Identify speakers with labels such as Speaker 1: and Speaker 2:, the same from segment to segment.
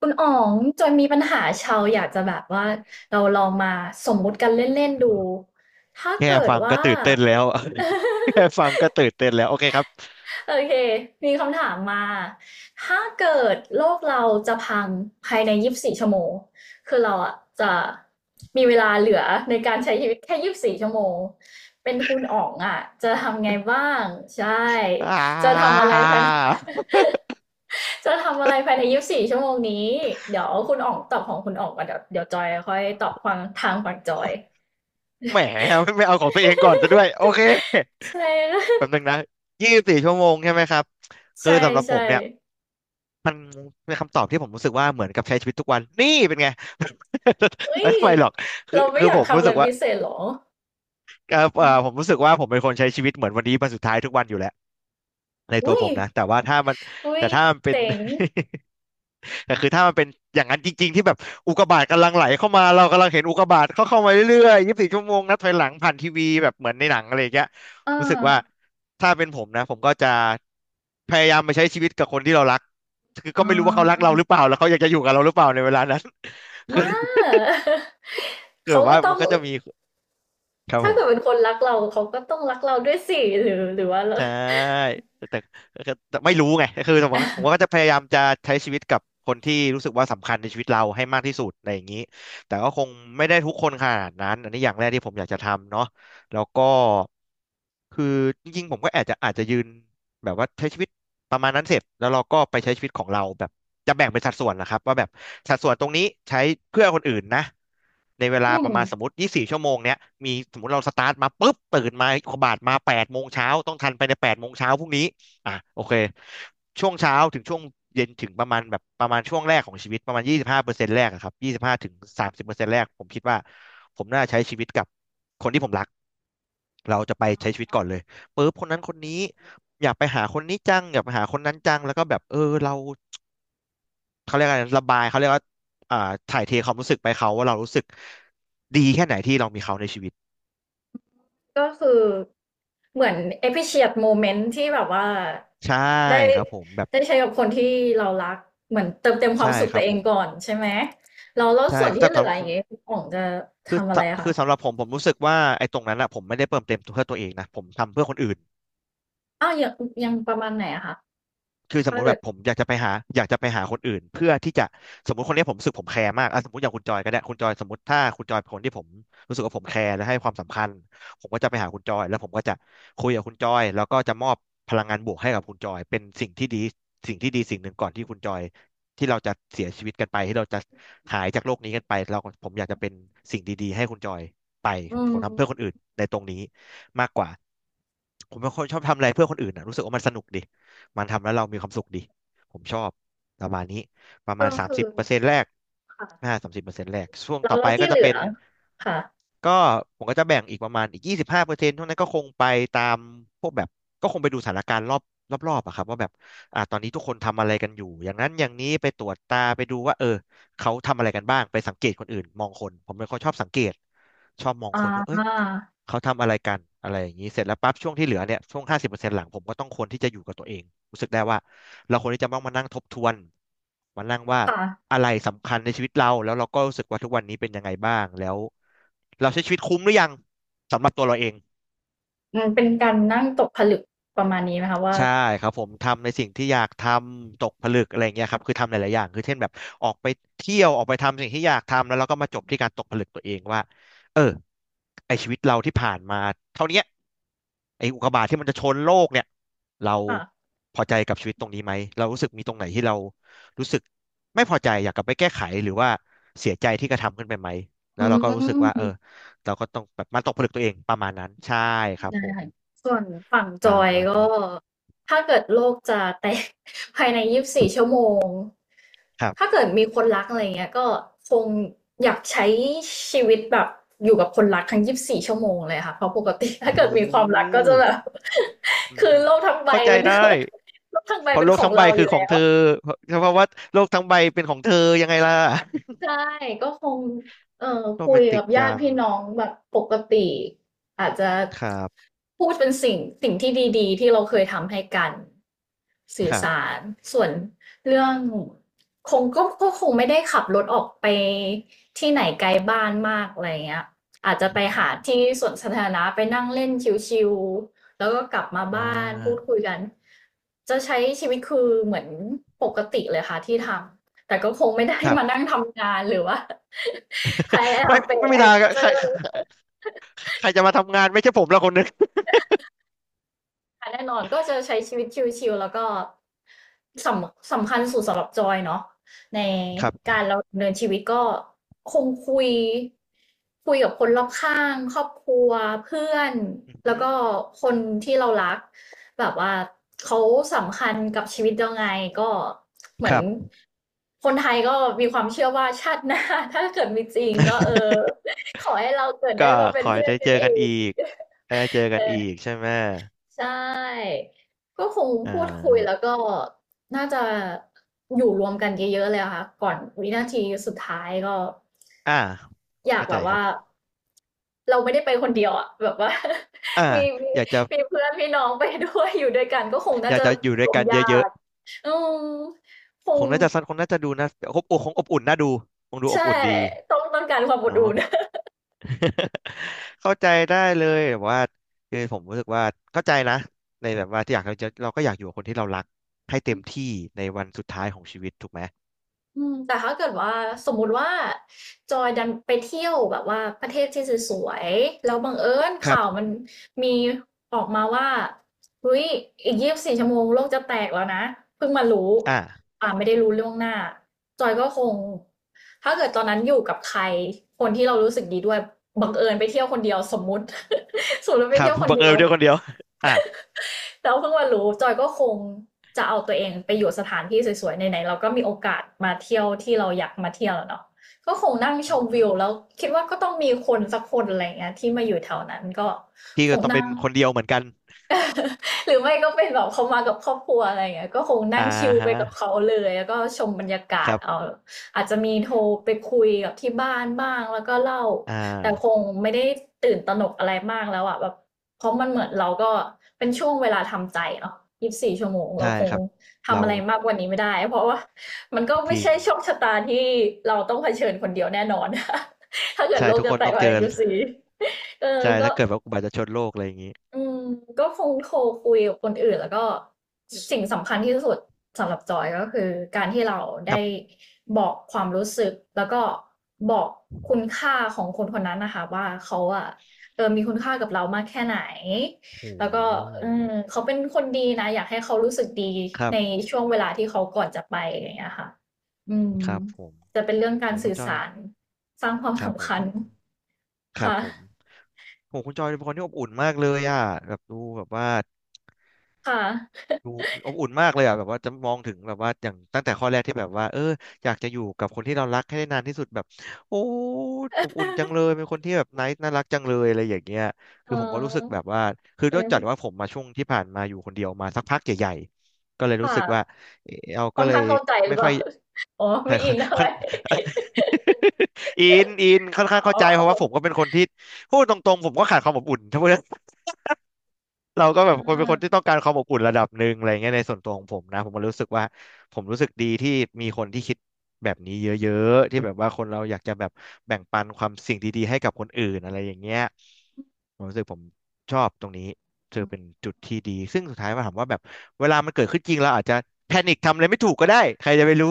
Speaker 1: คุณอ๋องจอยมีปัญหาเชาวอยากจะแบบว่าเราลองมาสมมุติกันเล่นๆดูถ้า
Speaker 2: แค่
Speaker 1: เกิด
Speaker 2: ฟังก็
Speaker 1: ว่า
Speaker 2: ตื่นเต้นแล้ว แค่ฟัง ก็ตื่นเต้นแล้วโอเคครับ
Speaker 1: โอเคมีคำถามมาถ้าเกิดโลกเราจะพังภายในยี่สิบสี่ชั่วโมงคือเราอะจะมีเวลาเหลือในการใช้ชีวิตแค่ยี่สิบสี่ชั่วโมงเป็นคุณอ๋องอะจะทำไงบ้างใช่
Speaker 2: อ่
Speaker 1: จะทำอะ
Speaker 2: า
Speaker 1: ไรภายใน จะทำอะไรภายในยี่สิบสี่ชั่วโมงนี้ เดี๋ยวคุณออกตอบของคุณออกก่อนเดี๋ยวเดี๋ยวจอยค่อยตอบฟังทางฝั่งจอย
Speaker 2: แหมไม่เอาของตัวเองก่อนซะด้วยโอเค
Speaker 1: ใช่
Speaker 2: แป๊บนึงนะยี่สิบสี่ชั่วโมงใช่ไหมครับคือ
Speaker 1: ใช่
Speaker 2: สำหรับผ
Speaker 1: ใช่
Speaker 2: มเนี่ยเป็นคำตอบที่ผมรู้สึกว่าเหมือนกับใช้ชีวิตทุกวันนี่เป็นไง
Speaker 1: เฮ้ย
Speaker 2: ไม่หรอกคือ
Speaker 1: เราไม่
Speaker 2: คือ
Speaker 1: อยา
Speaker 2: ผ
Speaker 1: ก
Speaker 2: ม
Speaker 1: ทำ
Speaker 2: รู้
Speaker 1: อะไร
Speaker 2: สึกว่า
Speaker 1: พิเศษหรอ
Speaker 2: ผมรู้สึกว่าผมเป็นคนใช้ชีวิตเหมือนวันนี้วันสุดท้ายทุกวันอยู่แล้วในตัว
Speaker 1: อุ้ย
Speaker 2: ผมนะแต่ว่าถ้ามัน
Speaker 1: อุ้
Speaker 2: แต่
Speaker 1: ย
Speaker 2: ถ้ามันเป็น
Speaker 1: เจ๋ง
Speaker 2: แต่คือถ้ามันเป็นอย่างนั้นจริงๆที่แบบอุกกาบาตกำลังไหลเข้ามาเรากำลังเห็นอุกกาบาตเขาเข้ามาเรื่อยๆยี่สิบสี่ชั่วโมงนับถอยหลังผ่านทีวีแบบเหมือนในหนังอะไรอย่างเงี้ย
Speaker 1: อ่า
Speaker 2: รู้สึกว่าถ้าเป็นผมนะผมก็จะพยายามไปใช้ชีวิตกับคนที่เรารักคือก็
Speaker 1: อ่
Speaker 2: ไม่รู้ว่าเขารักเราหรือ
Speaker 1: า
Speaker 2: เปล่าแล้วเขาอยากจะอยู่กับเราหรือเปล่าในเวลานั้น คือ
Speaker 1: มา
Speaker 2: เกิ
Speaker 1: เขา
Speaker 2: ด
Speaker 1: ก็
Speaker 2: ว่า
Speaker 1: ต้
Speaker 2: มั
Speaker 1: อ
Speaker 2: น
Speaker 1: ง
Speaker 2: ก็จะมีครับ
Speaker 1: ถ้า
Speaker 2: ผม
Speaker 1: เกิดเป็นคนรักเราเขาก็ต้องรักเราด้วยสิหรือหรือว่าเรา
Speaker 2: ใช่แต่ไม่รู้ไงคือผมว่าก็จะพยายามจะใช้ชีวิตกับคนที่รู้สึกว่าสำคัญในชีวิตเราให้มากที่สุดอะไรอย่างนี้แต่ก็คงไม่ได้ทุกคนขนาดนั้นอันนี้อย่างแรกที่ผมอยากจะทำเนาะแล้วก็คือจริงๆผมก็อาจจะยืนแบบว่าใช้ชีวิตประมาณนั้นเสร็จแล้วเราก็ไปใช้ชีวิตของเราแบบจะแบ่งเป็นสัดส่วนนะครับว่าแบบสัดส่วนตรงนี้ใช้เพื่อคนอื่นนะ ในเว
Speaker 1: อื
Speaker 2: ลาป
Speaker 1: ม
Speaker 2: ระมาณสมมติ24ชั่วโมงเนี้ย มีสมมติเราสตาร์ทมาปุ๊บตื่นมาขบาดมา8โมงเช้าต้องทันไปใน8โมงเช้าพรุ่งนี้อ่ะโอเคช่วงเช้าถึงช่วงเย็นถึงประมาณแบบประมาณช่วงแรกของชีวิตประมาณ25เปอร์เซ็นต์แรกอะครับ25ถึง30เปอร์เซ็นต์แรกผมคิดว่าผมน่าใช้ชีวิตกับคนที่ผมรักเราจะไปใช้ชีวิตก่อนเลยปุ๊บคนนั้นคนนี้อยากไปหาคนนี้จังอยากไปหาคนนั้นจังแล้วก็แบบเออเรา เขาเรียกอะไรระบาย เขาเรียกว่าอ่าถ่ายเทความรู้สึกไปเขาว่าเรารู้สึกดีแค่ไหนที่เรามีเขาในชีวิต
Speaker 1: ก็คือเหมือน appreciate moment ที่แบบว่า
Speaker 2: ใช่
Speaker 1: ได้
Speaker 2: ครับผมแบบ
Speaker 1: ได้ใช้กับคนที่เรารักเหมือนเติมเต็มความ
Speaker 2: ใช่
Speaker 1: สุข
Speaker 2: ค
Speaker 1: ตั
Speaker 2: รับ
Speaker 1: วเอ
Speaker 2: ผ
Speaker 1: ง
Speaker 2: ม
Speaker 1: ก่อนใช่ไหมแล้วแล้ว
Speaker 2: ใช่
Speaker 1: ส่วนที่
Speaker 2: สำ
Speaker 1: เห
Speaker 2: ห
Speaker 1: ลื
Speaker 2: รับ
Speaker 1: ออย่างเงี้ยคุณอ๋องจะ
Speaker 2: คือ
Speaker 1: ทำอะไรอะ
Speaker 2: คื
Speaker 1: คะ
Speaker 2: อสำหรับผม ผมรู้สึกว่าไอ้ตรงนั้นอะผมไม่ได้เติมเต็มเพื่อตัวเองนะผมทำเพื่อคนอื่น
Speaker 1: อ้าวยังยังประมาณไหนอะคะ
Speaker 2: คือสมม
Speaker 1: ถ้า
Speaker 2: ติแบ
Speaker 1: เกิด
Speaker 2: บผมอยากจะไปหาอยากจะไปหาคนอื่นเพื่อที่จะสมมติคนนี้ผมรู้สึกผมแคร์มากอ่ะสมมติอย่างคุณจอยก็ได้คุณจอยสมมติถ้าคุณจอยเป็นคนที่ผมรู้สึกว่าผมแคร์และให้ความสำคัญผมก็จะไปหาคุณจอยแล้วผมก็จะคุยกับคุณจอยแล้วก็จะมอบพลังงานบวกให้กับคุณจอยเป็นสิ่งที่ดีสิ่งหนึ่งก่อนที่คุณจอยที่เราจะเสียชีวิตกันไปที่เราจะหายจากโลกนี้กันไปเราผมอยากจะเป็นสิ่งดีๆให้คุณจอยไป
Speaker 1: อื
Speaker 2: ผมทำเพื่อคน
Speaker 1: ม
Speaker 2: อื่นในตรงนี้มากกว่าผมเป็นคนชอบทำอะไรเพื่อคนอื่นนะรู้สึกว่ามันสนุกดี มันทำแล้วเรามีความสุขดีผมชอบประมาณนี้ประมา
Speaker 1: ก็
Speaker 2: ณสาม
Speaker 1: คื
Speaker 2: สิ
Speaker 1: อ
Speaker 2: บเปอร์เซ็นต์แรก
Speaker 1: ค่ะ
Speaker 2: สามสิบเปอร์เซ็นต์แรกช่วง
Speaker 1: แล้
Speaker 2: ต่
Speaker 1: ว
Speaker 2: อไป
Speaker 1: แล้ว
Speaker 2: ก็
Speaker 1: ที่เห
Speaker 2: จะ
Speaker 1: ลื
Speaker 2: เป็
Speaker 1: อ
Speaker 2: น
Speaker 1: ค่ะ
Speaker 2: ก็ผมก็จะแบ่งอีกประมาณอีกยี่สิบห้าเปอร์เซ็นต์ท่านั้นก็คงไปตามพวกแบบก็คงไปดูสถานการณ์รอบๆอะครับว่าแบบตอนนี้ทุกคนทำอะไรกันอยู่อย่างนั้นอย่างนี้ไปตรวจตาไปดูว่าเออเขาทำอะไรกันบ้างไปสังเกตคนอื่นมองคนผมเป็นคนชอบสังเกตชอบมอง
Speaker 1: อ่
Speaker 2: คนว่าเอ้ย
Speaker 1: า
Speaker 2: เขาทำอะไรกันอะไรอย่างนี้เสร็จแล้วปั๊บช่วงที่เหลือเนี่ยช่วงห้าสิบเปอร์เซ็นต์หลังผมก็ต้องควรที่จะอยู่กับตัวเองรู้สึกได้ว่าเราควรที่จะต้องมานั่งทบทวนมานั่งว่า
Speaker 1: ค่ะ
Speaker 2: อะไรสำคัญในชีวิตเราแล้วเราก็รู้สึกว่าทุกวันนี้เป็นยังไงบ้างแล้วเราใช้ชีวิตคุ้มหรือยังสำหรับตัวเราเอง
Speaker 1: อืมเป็นการนั่งตกผลึกประมาณนี้ไหมคะว่า
Speaker 2: ใช่ครับผมทำในสิ่งที่อยากทำตกผลึกอะไรอย่างเงี้ยครับคือทำหลายๆอย่างคือเช่นแบบออกไปเที่ยวออกไปทำสิ่งที่อยากทำแล้วเราก็มาจบที่การตกผลึกตัวเองว่าเออไอชีวิตเราที่ผ่านมาเท่าเนี้ย ไอ้อุกกาบาตที่มันจะชนโลกเนี่ยเรา
Speaker 1: ค่ะ
Speaker 2: พอใจกับชีวิตตรงนี้ไหมเรารู้สึกมีตรงไหนที่เรารู้สึกไม่พอใจอยากกลับไปแก้ไขหรือว่าเสียใจที่กระทำขึ้นไปไหมแล้
Speaker 1: อื
Speaker 2: วเราก็รู้สึกว่าเออ
Speaker 1: ม
Speaker 2: เราก็ต้องแบบมันตกผลึกตัวเองประมาณนั้นใช่ครับ
Speaker 1: ได้
Speaker 2: ผม
Speaker 1: ค่ะส่วนฝั่งจ
Speaker 2: ป
Speaker 1: อ
Speaker 2: ระ
Speaker 1: ย
Speaker 2: มาณ
Speaker 1: ก็
Speaker 2: นี้
Speaker 1: ถ้าเกิดโลกจะแตก ภายในยี่สิบสี่ชั่วโมง
Speaker 2: ครับ
Speaker 1: ถ้าเกิดมีคนรักอะไรเงี้ยก็คงอยากใช้ชีวิตแบบอยู่กับคนรักทั้งยี่สิบสี่ชั่วโมงเลยค่ะเพราะปกติ
Speaker 2: โอ้
Speaker 1: ถ้า
Speaker 2: โห
Speaker 1: เกิดมีความรักก็จะแบบ
Speaker 2: อื ม
Speaker 1: คือโลกทั้งใบ
Speaker 2: เข้าใจ
Speaker 1: มัน
Speaker 2: ได้
Speaker 1: โลกทั้งใบ
Speaker 2: เพราะ
Speaker 1: เป็น
Speaker 2: โลก
Speaker 1: ของ
Speaker 2: ทั้งใบ
Speaker 1: เราอ
Speaker 2: คือ
Speaker 1: ยู่
Speaker 2: ขอ
Speaker 1: แล้
Speaker 2: ง
Speaker 1: ว
Speaker 2: เธอเพราะว่าโลกทั้งใบเป็นของเธอยังไงล่ะ
Speaker 1: ใช่ ก็คงเอ่อ
Speaker 2: โร
Speaker 1: คุ
Speaker 2: แม
Speaker 1: ย
Speaker 2: นติ
Speaker 1: กั
Speaker 2: ก
Speaker 1: บญา
Speaker 2: จั
Speaker 1: ติ
Speaker 2: ง
Speaker 1: พี่น้องแบบปกติอาจจะ
Speaker 2: ครับ
Speaker 1: พูดเป็นสิ่ง สิ่งที่ดีๆ ที่เราเคยทำให้กัน สื่อ
Speaker 2: ครั
Speaker 1: สา
Speaker 2: บ
Speaker 1: ร ส่วนเรื่องคงก็ก็คงไม่ได้ขับรถออกไปที่ไหนไกลบ้านมากอะไรอย่างเงี้ยอาจจะ
Speaker 2: อืมอ
Speaker 1: ไป
Speaker 2: หือ
Speaker 1: หาที่สวนสาธารณะไปนั่งเล่นชิลๆแล้วก็กลับมา
Speaker 2: อ่
Speaker 1: บ้านพูด
Speaker 2: า
Speaker 1: คุยกัน จะใช้ชีวิตคือเหมือนปกติเลยค่ะที่ทำ แต่ก็คงไม่ได้
Speaker 2: ครั
Speaker 1: มานั่
Speaker 2: บ
Speaker 1: งทำงานหรือว่า พยายา
Speaker 2: ไม่
Speaker 1: มเป็น
Speaker 2: ไม่มีทางอะใค
Speaker 1: actor
Speaker 2: รใครจะมาทำงานไม่ใช่ผมละคนนึง
Speaker 1: ค่ะแน่นอนก็จะใช้ชีวิตชิลๆแล้วก็สำสำคัญสุดสำหรับจอยเนาะใน
Speaker 2: ครับ
Speaker 1: การเราดำเนินชีวิตก็คงคุยคุยกับคนรอบข้างครอบครัวเพื่อน
Speaker 2: อือ
Speaker 1: แล้
Speaker 2: หื
Speaker 1: ว
Speaker 2: อ
Speaker 1: ก็คนที่เรารักแบบว่าเขาสำคัญกับชีวิตยังไงก็เหมื
Speaker 2: ค
Speaker 1: อน
Speaker 2: รับ
Speaker 1: คนไทยก็มีความเชื่อว่าชาติหน้า ถ้าเกิดมีจริงก็เออขอให้เราเกิดได้
Speaker 2: ก็
Speaker 1: มาเป็
Speaker 2: ข
Speaker 1: น
Speaker 2: อให้
Speaker 1: เพื่อน
Speaker 2: ได้
Speaker 1: กั
Speaker 2: เจ
Speaker 1: น
Speaker 2: อ
Speaker 1: เอ
Speaker 2: กัน
Speaker 1: ง
Speaker 2: อีกได้เจอกันอีกใช่ไหม
Speaker 1: ใช่ ก็คง
Speaker 2: อ่า
Speaker 1: พูดคุยแล้วก็น่าจะอยู่รวมกันเยอะๆเลยอะค่ะก่อนวินาทีสุดท้ายก็
Speaker 2: อ่า
Speaker 1: อยาก
Speaker 2: เข้า
Speaker 1: แบ
Speaker 2: ใจ
Speaker 1: บ
Speaker 2: ครั
Speaker 1: ว่า
Speaker 2: บ
Speaker 1: เราไม่ได้ไปคนเดียวอะแบบว่า
Speaker 2: อ่า
Speaker 1: มีมี
Speaker 2: อยากจะ
Speaker 1: มีเพื่อนพี่น้องไปด้วยอยู่ด้วยกันก็คง
Speaker 2: อ
Speaker 1: น่า
Speaker 2: ยาก
Speaker 1: จะ
Speaker 2: จะอยู่
Speaker 1: ร
Speaker 2: ด้วย
Speaker 1: วม
Speaker 2: กัน
Speaker 1: ญา
Speaker 2: เยอะ
Speaker 1: ติอืมค
Speaker 2: ๆค
Speaker 1: ง
Speaker 2: งน่าจะสั้นคงน่าจะดูนะอบอุ่นคงอบอุ่นน่าดูคงดูอ
Speaker 1: ใช่
Speaker 2: บอุ่นดี
Speaker 1: ต้องต้องการความอบ
Speaker 2: เนาะ
Speaker 1: อุ่น
Speaker 2: เข้าใจได้เลยแบบว่าคือผมรู้สึกว่าเข้าใจนะในแบบว่าที่อยากเราจะเราก็อยากอยู่กับคนที่เรารักให้เต็มที่ในวันสุดท้ายของชีวิตถูกไหม
Speaker 1: อืมแต่ถ้าเกิดว่าสมมุติว่าจอยดันไปเที่ยวแบบว่าประเทศที่สวยๆแล้วบังเอิญ
Speaker 2: ครั
Speaker 1: ข่าว
Speaker 2: บ
Speaker 1: มันมีออกมาว่าเฮ้ยอีก24ชั่วโมงโลกจะแตกแล้วนะเพิ่งมารู้
Speaker 2: อ่า
Speaker 1: อ่าไม่ได้รู้ล่วงหน้าจอยก็คงถ้าเกิดตอนนั้นอยู่กับใครคนที่เรารู้สึกดีด้วยบังเอิญไปเที่ยวคนเดียวสมมุติ สมมติว่าไป
Speaker 2: ครั
Speaker 1: เที่
Speaker 2: บ
Speaker 1: ยวค น
Speaker 2: บัง
Speaker 1: เดี
Speaker 2: เอิ
Speaker 1: ยว
Speaker 2: ญเที่ยวคนเดียวอ่ะ
Speaker 1: แต่วาเพิ่งมารู้จอยก็คงจะเอาตัวเองไปอยู่สถานที่สวยๆไหนๆเราก็มีโอกาสมาเที่ยวที่เราอยากมาเที่ยวแล้วเนาะก็คงนั่งช
Speaker 2: อือ
Speaker 1: ม
Speaker 2: หื
Speaker 1: วิ
Speaker 2: อ
Speaker 1: วแล้วคิดว่าก็ต้องมีคนสักคนอะไรเงี้ยที่มาอยู่แถวนั้นก็
Speaker 2: พี่
Speaker 1: ค
Speaker 2: ก็
Speaker 1: ง
Speaker 2: ต้อง
Speaker 1: นั่
Speaker 2: เป็
Speaker 1: ง
Speaker 2: นคนเดียวเหมือนกัน
Speaker 1: หรือไม่ก็เป็นแบบเขามากับครอบครัวอะไรอย่างเงี้ยก็คงนั่
Speaker 2: อ่า
Speaker 1: งชิลไป
Speaker 2: ฮะ
Speaker 1: กับเขาเลยแล้วก็ชมบรรยากา
Speaker 2: ค
Speaker 1: ศ
Speaker 2: รับ
Speaker 1: เอาอาจจะมีโทรไปคุยกับที่บ้านบ้างแล้วก็เล่า
Speaker 2: อ่า
Speaker 1: แต่คงไม่ได้ตื่นตระหนกอะไรมากแล้วอะแบบเพราะมันเหมือนเราก็เป็นช่วงเวลาทำใจเนาะยี่สิบสี่ชั่วโมงเรา
Speaker 2: ใช่
Speaker 1: คง
Speaker 2: ครับ
Speaker 1: ทำ
Speaker 2: เรา
Speaker 1: อะไรมากกว่านี้ไม่ได้เพราะว่ามันก็
Speaker 2: จ
Speaker 1: ไม่
Speaker 2: ริง
Speaker 1: ใช่โชคชะตาที่เราต้องเผชิญคนเดียวแน่นอน ถ้าเกิด
Speaker 2: ใช่
Speaker 1: โลก
Speaker 2: ทุก
Speaker 1: จะ
Speaker 2: คน
Speaker 1: แตก
Speaker 2: ต้อง
Speaker 1: ภาย
Speaker 2: เจอ
Speaker 1: ในยุคสบสี่เออ
Speaker 2: ใช่
Speaker 1: ก็
Speaker 2: ถ้าเกิดว่าอุบัติเหตุชนโลกอะไรอย่างนี้
Speaker 1: อืมก็คงโทรคุยกับคนอื่นแล้วก็สิ่งสำคัญที่สุดสำหรับจอยก็คือการที่เรา
Speaker 2: ค
Speaker 1: ได้
Speaker 2: รับ
Speaker 1: บอกความรู้สึกแล้วก็บอกคุณค่าของคนคนนั้นนะคะว่าเขาอะเออมีคุณค่ากับเรามากแค่ไหน
Speaker 2: โอ้
Speaker 1: แล้วก็
Speaker 2: โ
Speaker 1: เอ
Speaker 2: ห
Speaker 1: อเขาเป็นคนดีนะอยากให้เขารู้สึกดี
Speaker 2: ครั
Speaker 1: ใน
Speaker 2: บ
Speaker 1: ช่วงเวลาที่เขาก่อนจะไปอย่างเงี้ยค่ะอืม
Speaker 2: ครับผม
Speaker 1: จะเป็นเรื่องการ
Speaker 2: โอ้คุ
Speaker 1: สื่
Speaker 2: ณ
Speaker 1: อ
Speaker 2: จอย
Speaker 1: สารสร้างความ
Speaker 2: ครับผ
Speaker 1: สำ
Speaker 2: ม
Speaker 1: คัญ
Speaker 2: คุณครับ
Speaker 1: ค่ะ
Speaker 2: ผมโอ้คุณจอยเป็นคนที่อบอุ่นมากเลยอ่ะแบบดูแบบว่า
Speaker 1: ค่ะ
Speaker 2: ดูอบอุ่นมากเลยอ่ะแบบว่าจะมองถึงแบบว่าอย่างตั้งแต่ข้อแรกที่แบบว่าเอออยากจะอยู่กับคนที่เรารักให้ได้นานที่สุดแบบโอ้อบอุ่นจังเลยเป็นคนที่แบบไนท์น่ารักจังเลยอะไรอย่างเงี้ยคือผมก็รู้สึกแบ บว่าคือด้วยจัด
Speaker 1: เออ
Speaker 2: ว่าผมมาช่วงที่ผ่านมาอยู่คนเดียวมาสักพักใหญ่ๆก็เลยรู้สึกว่า
Speaker 1: ค่ะ
Speaker 2: เออเรา
Speaker 1: ค่
Speaker 2: ก็
Speaker 1: อน
Speaker 2: เลย
Speaker 1: ข้างเข้าใจหรื
Speaker 2: ไม่
Speaker 1: อเป
Speaker 2: ค่
Speaker 1: ล่า
Speaker 2: อย
Speaker 1: อ๋อไม่อินเท่า ไห
Speaker 2: ค่อน
Speaker 1: ร่
Speaker 2: อินอินค่อนข้างเข้า
Speaker 1: อ๋
Speaker 2: ใจเพราะ
Speaker 1: อ
Speaker 2: ว่าผมก็เป็นคนที่พูดตรงๆผมก็ขาดความอบอุ่นถ้าพูด เราก็
Speaker 1: อ
Speaker 2: แบบคนเป็นคนที่
Speaker 1: า
Speaker 2: ต้องการความอบอุ่นระดับหนึ่งอะไรเงี้ยในส่วนตัวของผมนะผมก็รู้สึกว่าผมรู้สึกดีที่มีคนที่คิดแบบนี้เยอะๆที่แบบว่าคนเราอยากจะแบบแบ่งปันความสิ่งดีๆให้กับคนอื่นอะไรอย่างเงี้ยผมรู้สึกผมชอบตรงนี้เธอเป็นจุดที่ดีซึ่งสุดท้ายมาถามว่าแบบเวลามันเกิดขึ้นจริงเราอาจจะแพนิคทำอะไรไม่ถูกก็ได้ใครจะไปรู้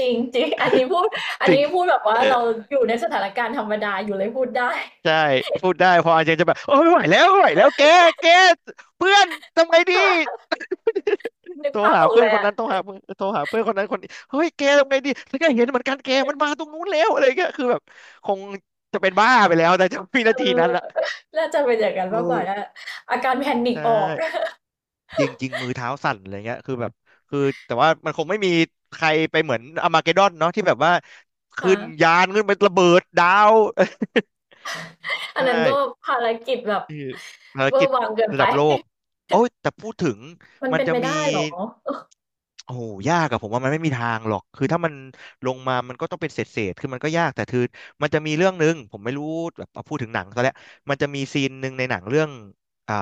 Speaker 1: จริงจริงอันนี้พูดอั น
Speaker 2: สิ่ง
Speaker 1: นี้พูดแบบว่า
Speaker 2: เ
Speaker 1: เราอยู่ในสถานการณ์ธรรมดาอยู่เลยพูดได้
Speaker 2: ใช่พูดได้พออาจารย์จะแบบโอ้ยไม่ไหวแล้วไม่ไหวแล้วแกแกเพื่อนทำไง ดี
Speaker 1: ค่ะนึก
Speaker 2: โทร
Speaker 1: ภาพ
Speaker 2: หา
Speaker 1: ออก
Speaker 2: เพื่
Speaker 1: เล
Speaker 2: อน
Speaker 1: ย
Speaker 2: คน
Speaker 1: อะ
Speaker 2: นั้นโทรหาเพื่อนโทรหาเพื่อนคนนั้นคนนี้เฮ้ยแกทำไงดีแล้วก็เห็นเหมือนกันแกมันมาตรงนู้นแล้วอะไรเงี้ยคือแบบคงจะเป็นบ้าไปแล้วแต่จะวิ
Speaker 1: เอ
Speaker 2: นาที
Speaker 1: อ
Speaker 2: นั้นอะ
Speaker 1: น่าจะเป็นอย่างนั้นมาก
Speaker 2: โอ้
Speaker 1: กว่านะอาการแพนิก
Speaker 2: ใช่
Speaker 1: ออก
Speaker 2: จริงจริงมือเท้าสั่นอะไรเงี้ยคือแบบคือแต่ว่ามันคงไม่มีใครไปเหมือนอาร์มาเกดดอนเนาะที่แบบว่าขึ้
Speaker 1: ค่ะ
Speaker 2: นยานขึ้นไประเบิดดาว ใ
Speaker 1: อันนั้นก็
Speaker 2: ช่
Speaker 1: ภารกิจแบบ
Speaker 2: คือภาร
Speaker 1: เวอ
Speaker 2: กิ
Speaker 1: ร์
Speaker 2: จ
Speaker 1: วังเกิน
Speaker 2: ระ
Speaker 1: ไป
Speaker 2: ดับโลก โอ้ยแต่พูดถึง
Speaker 1: มัน
Speaker 2: มัน
Speaker 1: เป็น
Speaker 2: จะ
Speaker 1: ไป
Speaker 2: มี
Speaker 1: ได้เหรอ
Speaker 2: โอ้โหยากอะผมว่ามันไม่มีทางหรอกคือถ้ามันลงมามันก็ต้องเป็นเศษเศษคือมันก็ยากแต่คือมันจะมีเรื่องหนึ่งผมไม่รู้แบบเอาพูดถึงหนังซะแล้วมันจะมีซีนหนึ่งในหนังเรื่องอ่า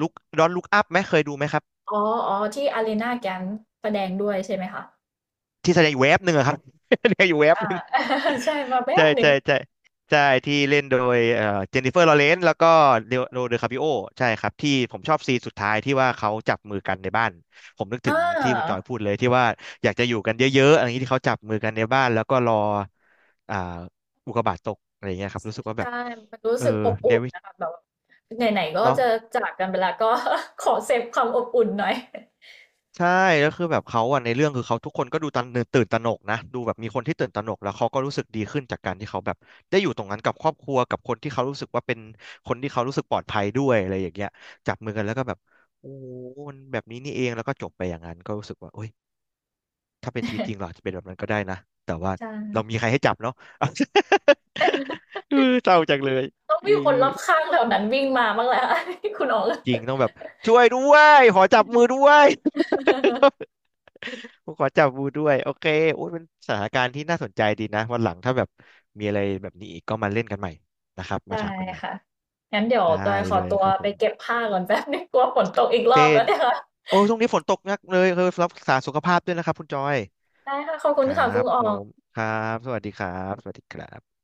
Speaker 2: ลุกดอนลุกอัพไหมเคยดูไหมครับ
Speaker 1: อ๋ออ๋อที่ a า i ี n a g ก a n d e แสดงด้วยใช่ไหมคะ
Speaker 2: ที่แสดงอยู่เวฟหนึ่งอะครับ แสดงอยู่เวฟ
Speaker 1: อา ใช่มาแป๊
Speaker 2: ใช่
Speaker 1: บหนึ่ง
Speaker 2: ใช่ใช่ใช่ที่เล่นโดยเจนนิเฟอร์ลอเรนซ์แล้วก็เดโรเดอคาปิโอใช่ครับที่ผมชอบซีนสุดท้ายที่ว่าเขาจับมือกันในบ้านผมนึก
Speaker 1: อ
Speaker 2: ถึงที่คุณจอย
Speaker 1: า
Speaker 2: พูดเลยที่ว่าอยากจะอยู่กันเยอะๆอะไรอย่างนี้ที่เขาจับมือกันในบ้านแล้วก็รออ่าอุกกาบาตตกอะไรอย่างเงี้ยครับรู้สึกว่าแบ
Speaker 1: ใช่
Speaker 2: บ
Speaker 1: มันรู้
Speaker 2: เออ
Speaker 1: สึกอบ
Speaker 2: ใน
Speaker 1: อุ่น
Speaker 2: วิ
Speaker 1: นะคะแบบว่าไหนๆก็
Speaker 2: เนาะ
Speaker 1: จะจากกันไปแล้วก็ ขอเซฟความอบอุ่นหน่อย
Speaker 2: ใช่แล้วคือแบบเขาอะในเรื่องคือเขาทุกคนก็ดูตันตื่นตระหนกนะดูแบบมีคนที่ตื่นตระหนกแล้วเขาก็รู้สึกดีขึ้นจากการที่เขาแบบได้อยู่ตรงนั้นกับครอบครัวกับคนที่เขารู้สึกว่าเป็นคนที่เขารู้สึกปลอดภัยด้วยอะไรอย่างเงี้ยจับมือกันแล้วก็แบบโอ้มันแบบนี้นี่เองแล้วก็จบไปอย่างนั้นก็รู้สึกว่าโอ้ยถ้าเป็นชีวิตจริงเราอาจจะเป็นแบบนั้นก็ได้นะแต่ว่า
Speaker 1: ใช
Speaker 2: เรามี
Speaker 1: ่
Speaker 2: ใครให้จับเนาะ เออเศร้าจังเลย
Speaker 1: ต้อง
Speaker 2: เอ
Speaker 1: มีคนร
Speaker 2: อ
Speaker 1: อบข้างแถวนั้นวิ่งมาบ้างแหล้ว คุณอ๋อง
Speaker 2: จริงต้องแบบช่วยด้วยขอจับมือด้วย ผมขอจับบูด้วยโอเคโอ้ยมันสถานการณ์ที่น่าสนใจดีนะวันหลังถ้าแบบมีอะไรแบบนี้อีกก็มาเล่นกันใหม่นะครับมา
Speaker 1: ได้
Speaker 2: ถามกันใหม่
Speaker 1: ค่ะงั้นเดี๋ยวจอ
Speaker 2: ได้
Speaker 1: ยขอ
Speaker 2: เลย
Speaker 1: ตัว
Speaker 2: ครับผ
Speaker 1: ไป
Speaker 2: ม
Speaker 1: เก็บผ้าก่อนแป๊บนึ่งกลัวฝนตกอีกร
Speaker 2: เจ
Speaker 1: อบแล้ว
Speaker 2: น
Speaker 1: เนี่ยค่ะ
Speaker 2: โอ้ยช่วงนี้ฝนตกหนักเลยเออรักษาสุขภาพด้วยนะครับคุณจอย
Speaker 1: ได้ค่ะขอบคุ
Speaker 2: ค
Speaker 1: ณ
Speaker 2: รั
Speaker 1: ค่ะคุณ
Speaker 2: บ
Speaker 1: อ๋
Speaker 2: ผ
Speaker 1: อง
Speaker 2: มครับสวัสดีครับสวัสดีครับ